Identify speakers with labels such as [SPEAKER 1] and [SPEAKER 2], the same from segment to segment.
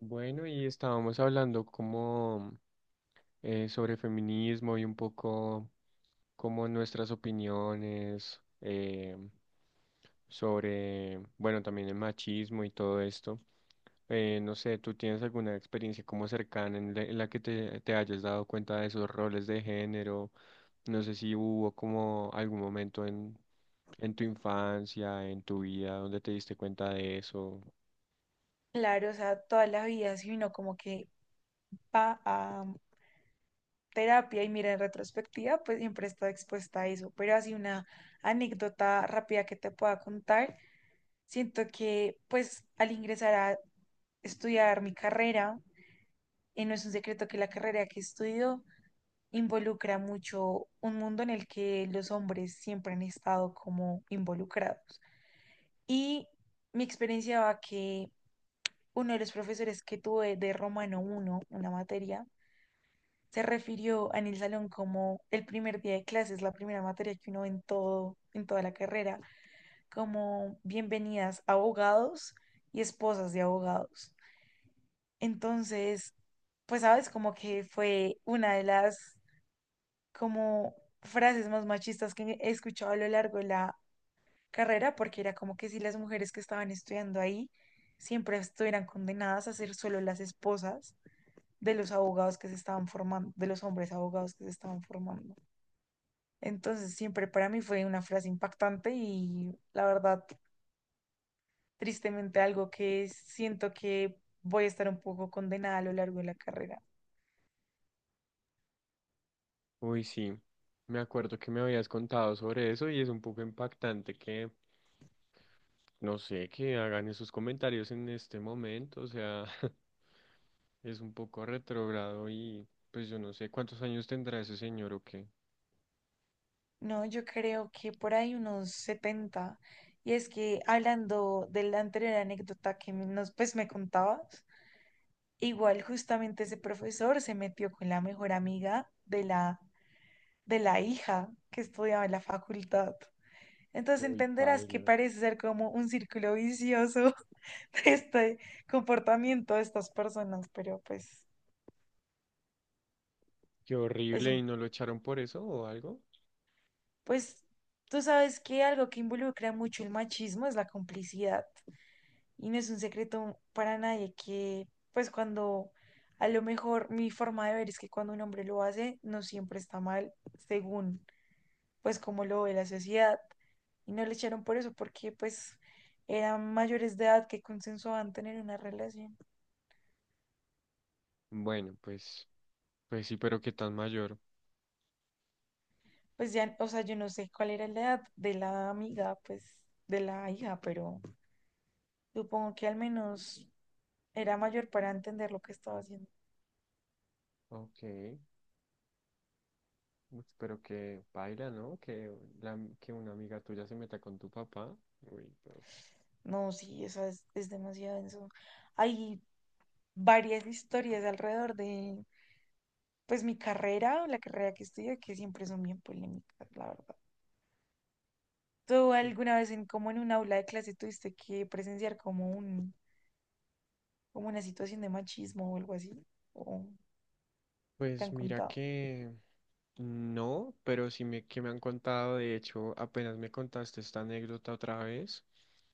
[SPEAKER 1] Bueno, y estábamos hablando como sobre feminismo y un poco como nuestras opiniones sobre, bueno, también el machismo y todo esto. No sé, ¿tú tienes alguna experiencia como cercana en la que te hayas dado cuenta de esos roles de género? No sé si hubo como algún momento en tu infancia, en tu vida, donde te diste cuenta de eso.
[SPEAKER 2] Claro, o sea, toda la vida, si uno como que va a terapia y mira en retrospectiva, pues siempre está expuesta a eso. Pero así una anécdota rápida que te pueda contar, siento que pues al ingresar a estudiar mi carrera, no es un secreto que la carrera que estudio involucra mucho un mundo en el que los hombres siempre han estado como involucrados. Y mi experiencia va que uno de los profesores que tuve de Romano uno, una materia, se refirió en el salón, como el primer día de clases, la primera materia que uno ve en toda la carrera, como bienvenidas abogados y esposas de abogados. Entonces, pues sabes, como que fue una de las, como, frases más machistas que he escuchado a lo largo de la carrera, porque era como que si las mujeres que estaban estudiando ahí siempre estuvieran condenadas a ser solo las esposas de los abogados que se estaban formando, de los hombres abogados que se estaban formando. Entonces, siempre para mí fue una frase impactante y, la verdad, tristemente algo que siento que voy a estar un poco condenada a lo largo de la carrera.
[SPEAKER 1] Uy, sí, me acuerdo que me habías contado sobre eso y es un poco impactante que, no sé, que hagan esos comentarios en este momento, o sea, es un poco retrógrado y pues yo no sé cuántos años tendrá ese señor o qué.
[SPEAKER 2] No, yo creo que por ahí unos setenta. Y es que, hablando de la anterior anécdota que nos, pues, me contabas, igual justamente ese profesor se metió con la mejor amiga de la, hija que estudiaba en la facultad. Entonces
[SPEAKER 1] Uy,
[SPEAKER 2] entenderás que
[SPEAKER 1] paila,
[SPEAKER 2] parece ser como un círculo vicioso. Este comportamiento de estas personas, pero pues
[SPEAKER 1] qué
[SPEAKER 2] es
[SPEAKER 1] horrible y
[SPEAKER 2] un,
[SPEAKER 1] no lo echaron por eso o algo.
[SPEAKER 2] pues tú sabes que algo que involucra mucho el machismo es la complicidad, y no es un secreto para nadie que, pues, cuando, a lo mejor, mi forma de ver es que cuando un hombre lo hace no siempre está mal, según pues como lo ve la sociedad, y no le echaron por eso porque pues eran mayores de edad que consensuaban tener una relación.
[SPEAKER 1] Bueno, pues, pues sí, pero qué tan mayor.
[SPEAKER 2] Pues ya, o sea, yo no sé cuál era la edad de la amiga, pues, de la hija, pero supongo que al menos era mayor para entender lo que estaba haciendo.
[SPEAKER 1] Ok, pues, pero que paila, ¿no? Que, la, que una amiga tuya se meta con tu papá. Uy, pero...
[SPEAKER 2] No, sí, eso es, demasiado denso. Hay varias historias alrededor de, pues, mi carrera, la carrera que estudio, que siempre son bien polémicas, la verdad. ¿Tú alguna vez, en, como en un aula de clase, tuviste que presenciar como una situación de machismo o algo así? ¿O te
[SPEAKER 1] Pues
[SPEAKER 2] han
[SPEAKER 1] mira
[SPEAKER 2] contado?
[SPEAKER 1] que... No, pero sí me, que me han contado. De hecho, apenas me contaste esta anécdota otra vez,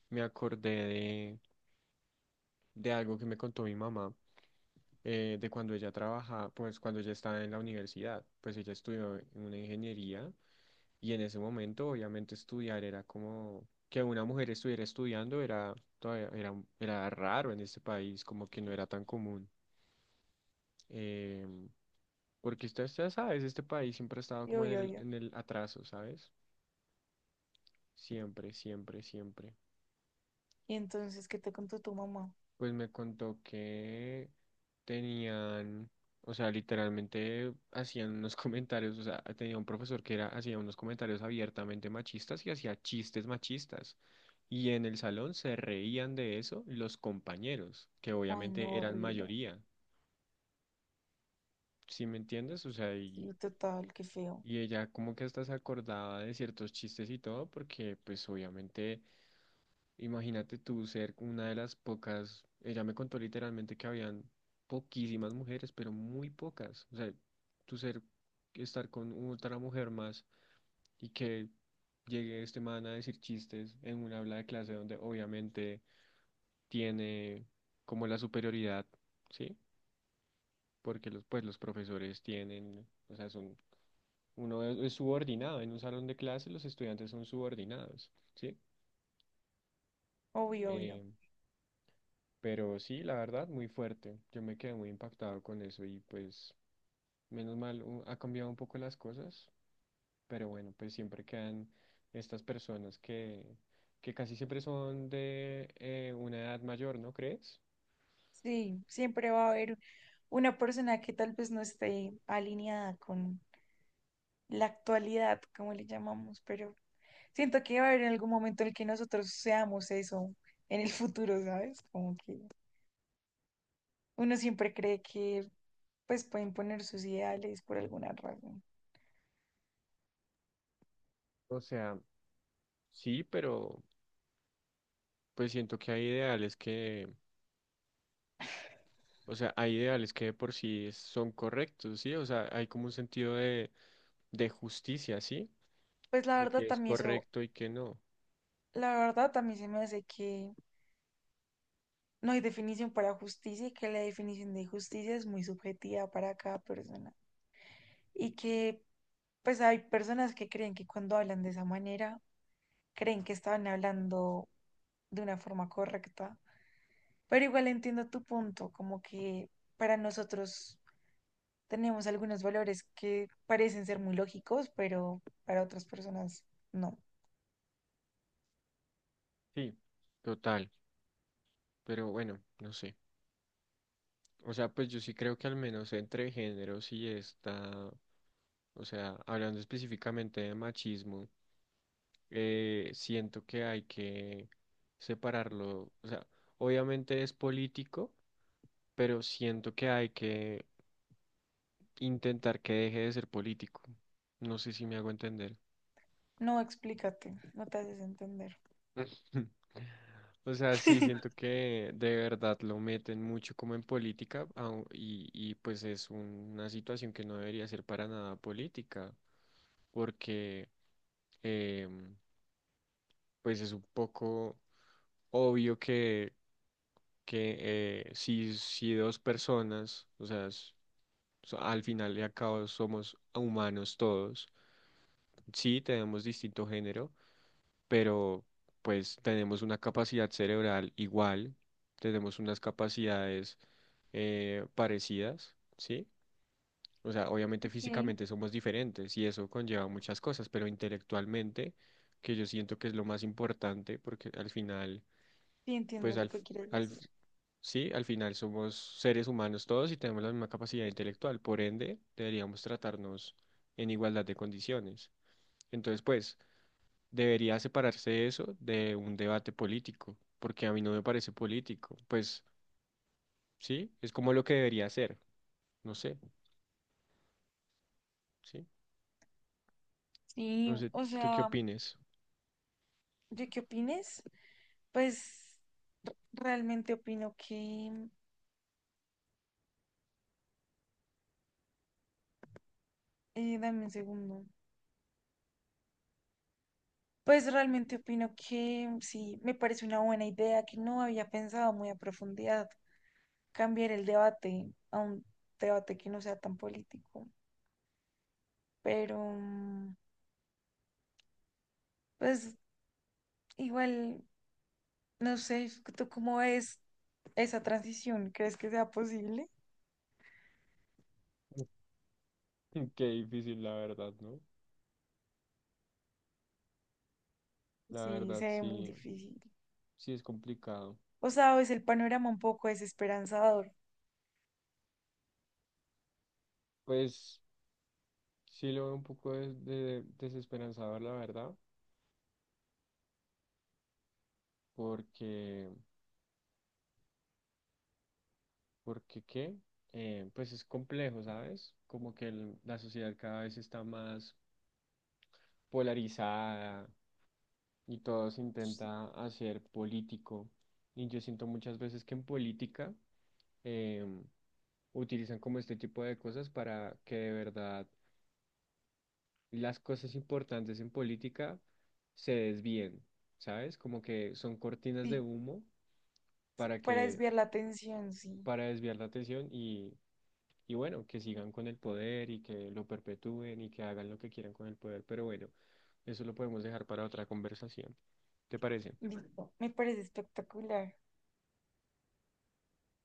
[SPEAKER 1] me acordé de algo que me contó mi mamá, de cuando ella trabaja, pues cuando ella estaba en la universidad. Pues ella estudió en una ingeniería y en ese momento obviamente estudiar era como que una mujer estuviera estudiando era, todavía era, era raro en este país, como que no era tan común. em, Porque usted sabe, este país siempre ha estado
[SPEAKER 2] Yo,
[SPEAKER 1] como en
[SPEAKER 2] yo,
[SPEAKER 1] el,
[SPEAKER 2] yo.
[SPEAKER 1] en el atraso, ¿sabes? Siempre, siempre, siempre.
[SPEAKER 2] Y entonces, ¿qué te contó tu mamá?
[SPEAKER 1] Pues me contó que tenían, o sea, literalmente hacían unos comentarios. O sea, tenía un profesor que era, hacía unos comentarios abiertamente machistas y hacía chistes machistas. Y en el salón se reían de eso los compañeros, que
[SPEAKER 2] Ay,
[SPEAKER 1] obviamente
[SPEAKER 2] no,
[SPEAKER 1] eran
[SPEAKER 2] horrible.
[SPEAKER 1] mayoría, ¿sí me entiendes? O sea,
[SPEAKER 2] Sí, total, qué feo.
[SPEAKER 1] y ella como que hasta se acordaba de ciertos chistes y todo, porque pues obviamente imagínate tú ser una de las pocas. Ella me contó literalmente que habían poquísimas mujeres, pero muy pocas. O sea, tú ser, estar con otra mujer más y que llegue este man a decir chistes en un habla de clase donde obviamente tiene como la superioridad, ¿sí? Porque los, pues los profesores tienen, o sea, son, uno es subordinado, en un salón de clase los estudiantes son subordinados, ¿sí?
[SPEAKER 2] Obvio, obvio.
[SPEAKER 1] Eh, Pero sí, la verdad, muy fuerte. Yo me quedé muy impactado con eso y pues menos mal ha cambiado un poco las cosas, pero bueno, pues siempre quedan estas personas que casi siempre son de una edad mayor, ¿no crees?
[SPEAKER 2] Sí, siempre va a haber una persona que tal vez no esté alineada con la actualidad, como le llamamos, pero siento que va a haber en algún momento en el que nosotros seamos eso en el futuro, ¿sabes? Como que uno siempre cree que pues pueden poner sus ideales por alguna razón.
[SPEAKER 1] O sea, sí, pero pues siento que hay ideales que, o sea, hay ideales que de por sí son correctos, ¿sí? O sea, hay como un sentido de justicia, ¿sí?
[SPEAKER 2] Pues la
[SPEAKER 1] De
[SPEAKER 2] verdad
[SPEAKER 1] que es
[SPEAKER 2] también eso,
[SPEAKER 1] correcto y que no.
[SPEAKER 2] la verdad también se me hace que no hay definición para justicia y que la definición de justicia es muy subjetiva para cada persona. Y que, pues, hay personas que creen que, cuando hablan de esa manera, creen que estaban hablando de una forma correcta. Pero igual entiendo tu punto, como que para nosotros tenemos algunos valores que parecen ser muy lógicos, pero para otras personas no.
[SPEAKER 1] Sí, total, pero bueno, no sé. O sea, pues yo sí creo que al menos entre géneros sí está, o sea, hablando específicamente de machismo, siento que hay que separarlo. O sea, obviamente es político, pero siento que hay que intentar que deje de ser político. No sé si me hago entender.
[SPEAKER 2] No, explícate, no te haces entender.
[SPEAKER 1] O sea, sí, siento que de verdad lo meten mucho como en política y pues es una situación que no debería ser para nada política. Porque eh, pues es un poco obvio que si, si dos personas, o sea, al final y al cabo somos humanos todos, sí tenemos distinto género, pero pues tenemos una capacidad cerebral igual, tenemos unas capacidades parecidas, ¿sí? O sea, obviamente
[SPEAKER 2] Sí.
[SPEAKER 1] físicamente somos diferentes y eso conlleva muchas cosas, pero intelectualmente, que yo siento que es lo más importante, porque al final,
[SPEAKER 2] Sí, entiendo
[SPEAKER 1] pues
[SPEAKER 2] lo que quieres
[SPEAKER 1] al,
[SPEAKER 2] decir.
[SPEAKER 1] f- sí, al final somos seres humanos todos y tenemos la misma capacidad intelectual, por ende, deberíamos tratarnos en igualdad de condiciones. Entonces, pues, debería separarse eso de un debate político, porque a mí no me parece político. Pues, sí, es como lo que debería ser, no sé, sí, no
[SPEAKER 2] Sí,
[SPEAKER 1] sé,
[SPEAKER 2] o
[SPEAKER 1] ¿tú qué
[SPEAKER 2] sea,
[SPEAKER 1] opines?
[SPEAKER 2] ¿yo qué opines? Pues realmente opino que, dame un segundo. Pues realmente opino que sí, me parece una buena idea que no había pensado muy a profundidad: cambiar el debate a un debate que no sea tan político. Pero, pues, igual, no sé, ¿tú cómo ves esa transición? ¿Crees que sea posible?
[SPEAKER 1] Qué difícil, la verdad, ¿no? La
[SPEAKER 2] Sí,
[SPEAKER 1] verdad,
[SPEAKER 2] se ve muy
[SPEAKER 1] sí,
[SPEAKER 2] difícil.
[SPEAKER 1] sí es complicado.
[SPEAKER 2] O sea, es el panorama un poco desesperanzador.
[SPEAKER 1] Pues sí lo veo un poco desesperanzador, la verdad, porque, porque qué, pues es complejo, ¿sabes? Como que la sociedad cada vez está más polarizada y todo se intenta hacer político. Y yo siento muchas veces que en política em, utilizan como este tipo de cosas para que de verdad las cosas importantes en política se desvíen, ¿sabes? Como que son cortinas de
[SPEAKER 2] Sí.
[SPEAKER 1] humo para
[SPEAKER 2] Para
[SPEAKER 1] que,
[SPEAKER 2] desviar la atención, sí.
[SPEAKER 1] para desviar la atención y bueno, que sigan con el poder y que lo perpetúen y que hagan lo que quieran con el poder. Pero bueno, eso lo podemos dejar para otra conversación. ¿Te parece?
[SPEAKER 2] Listo. Me parece espectacular.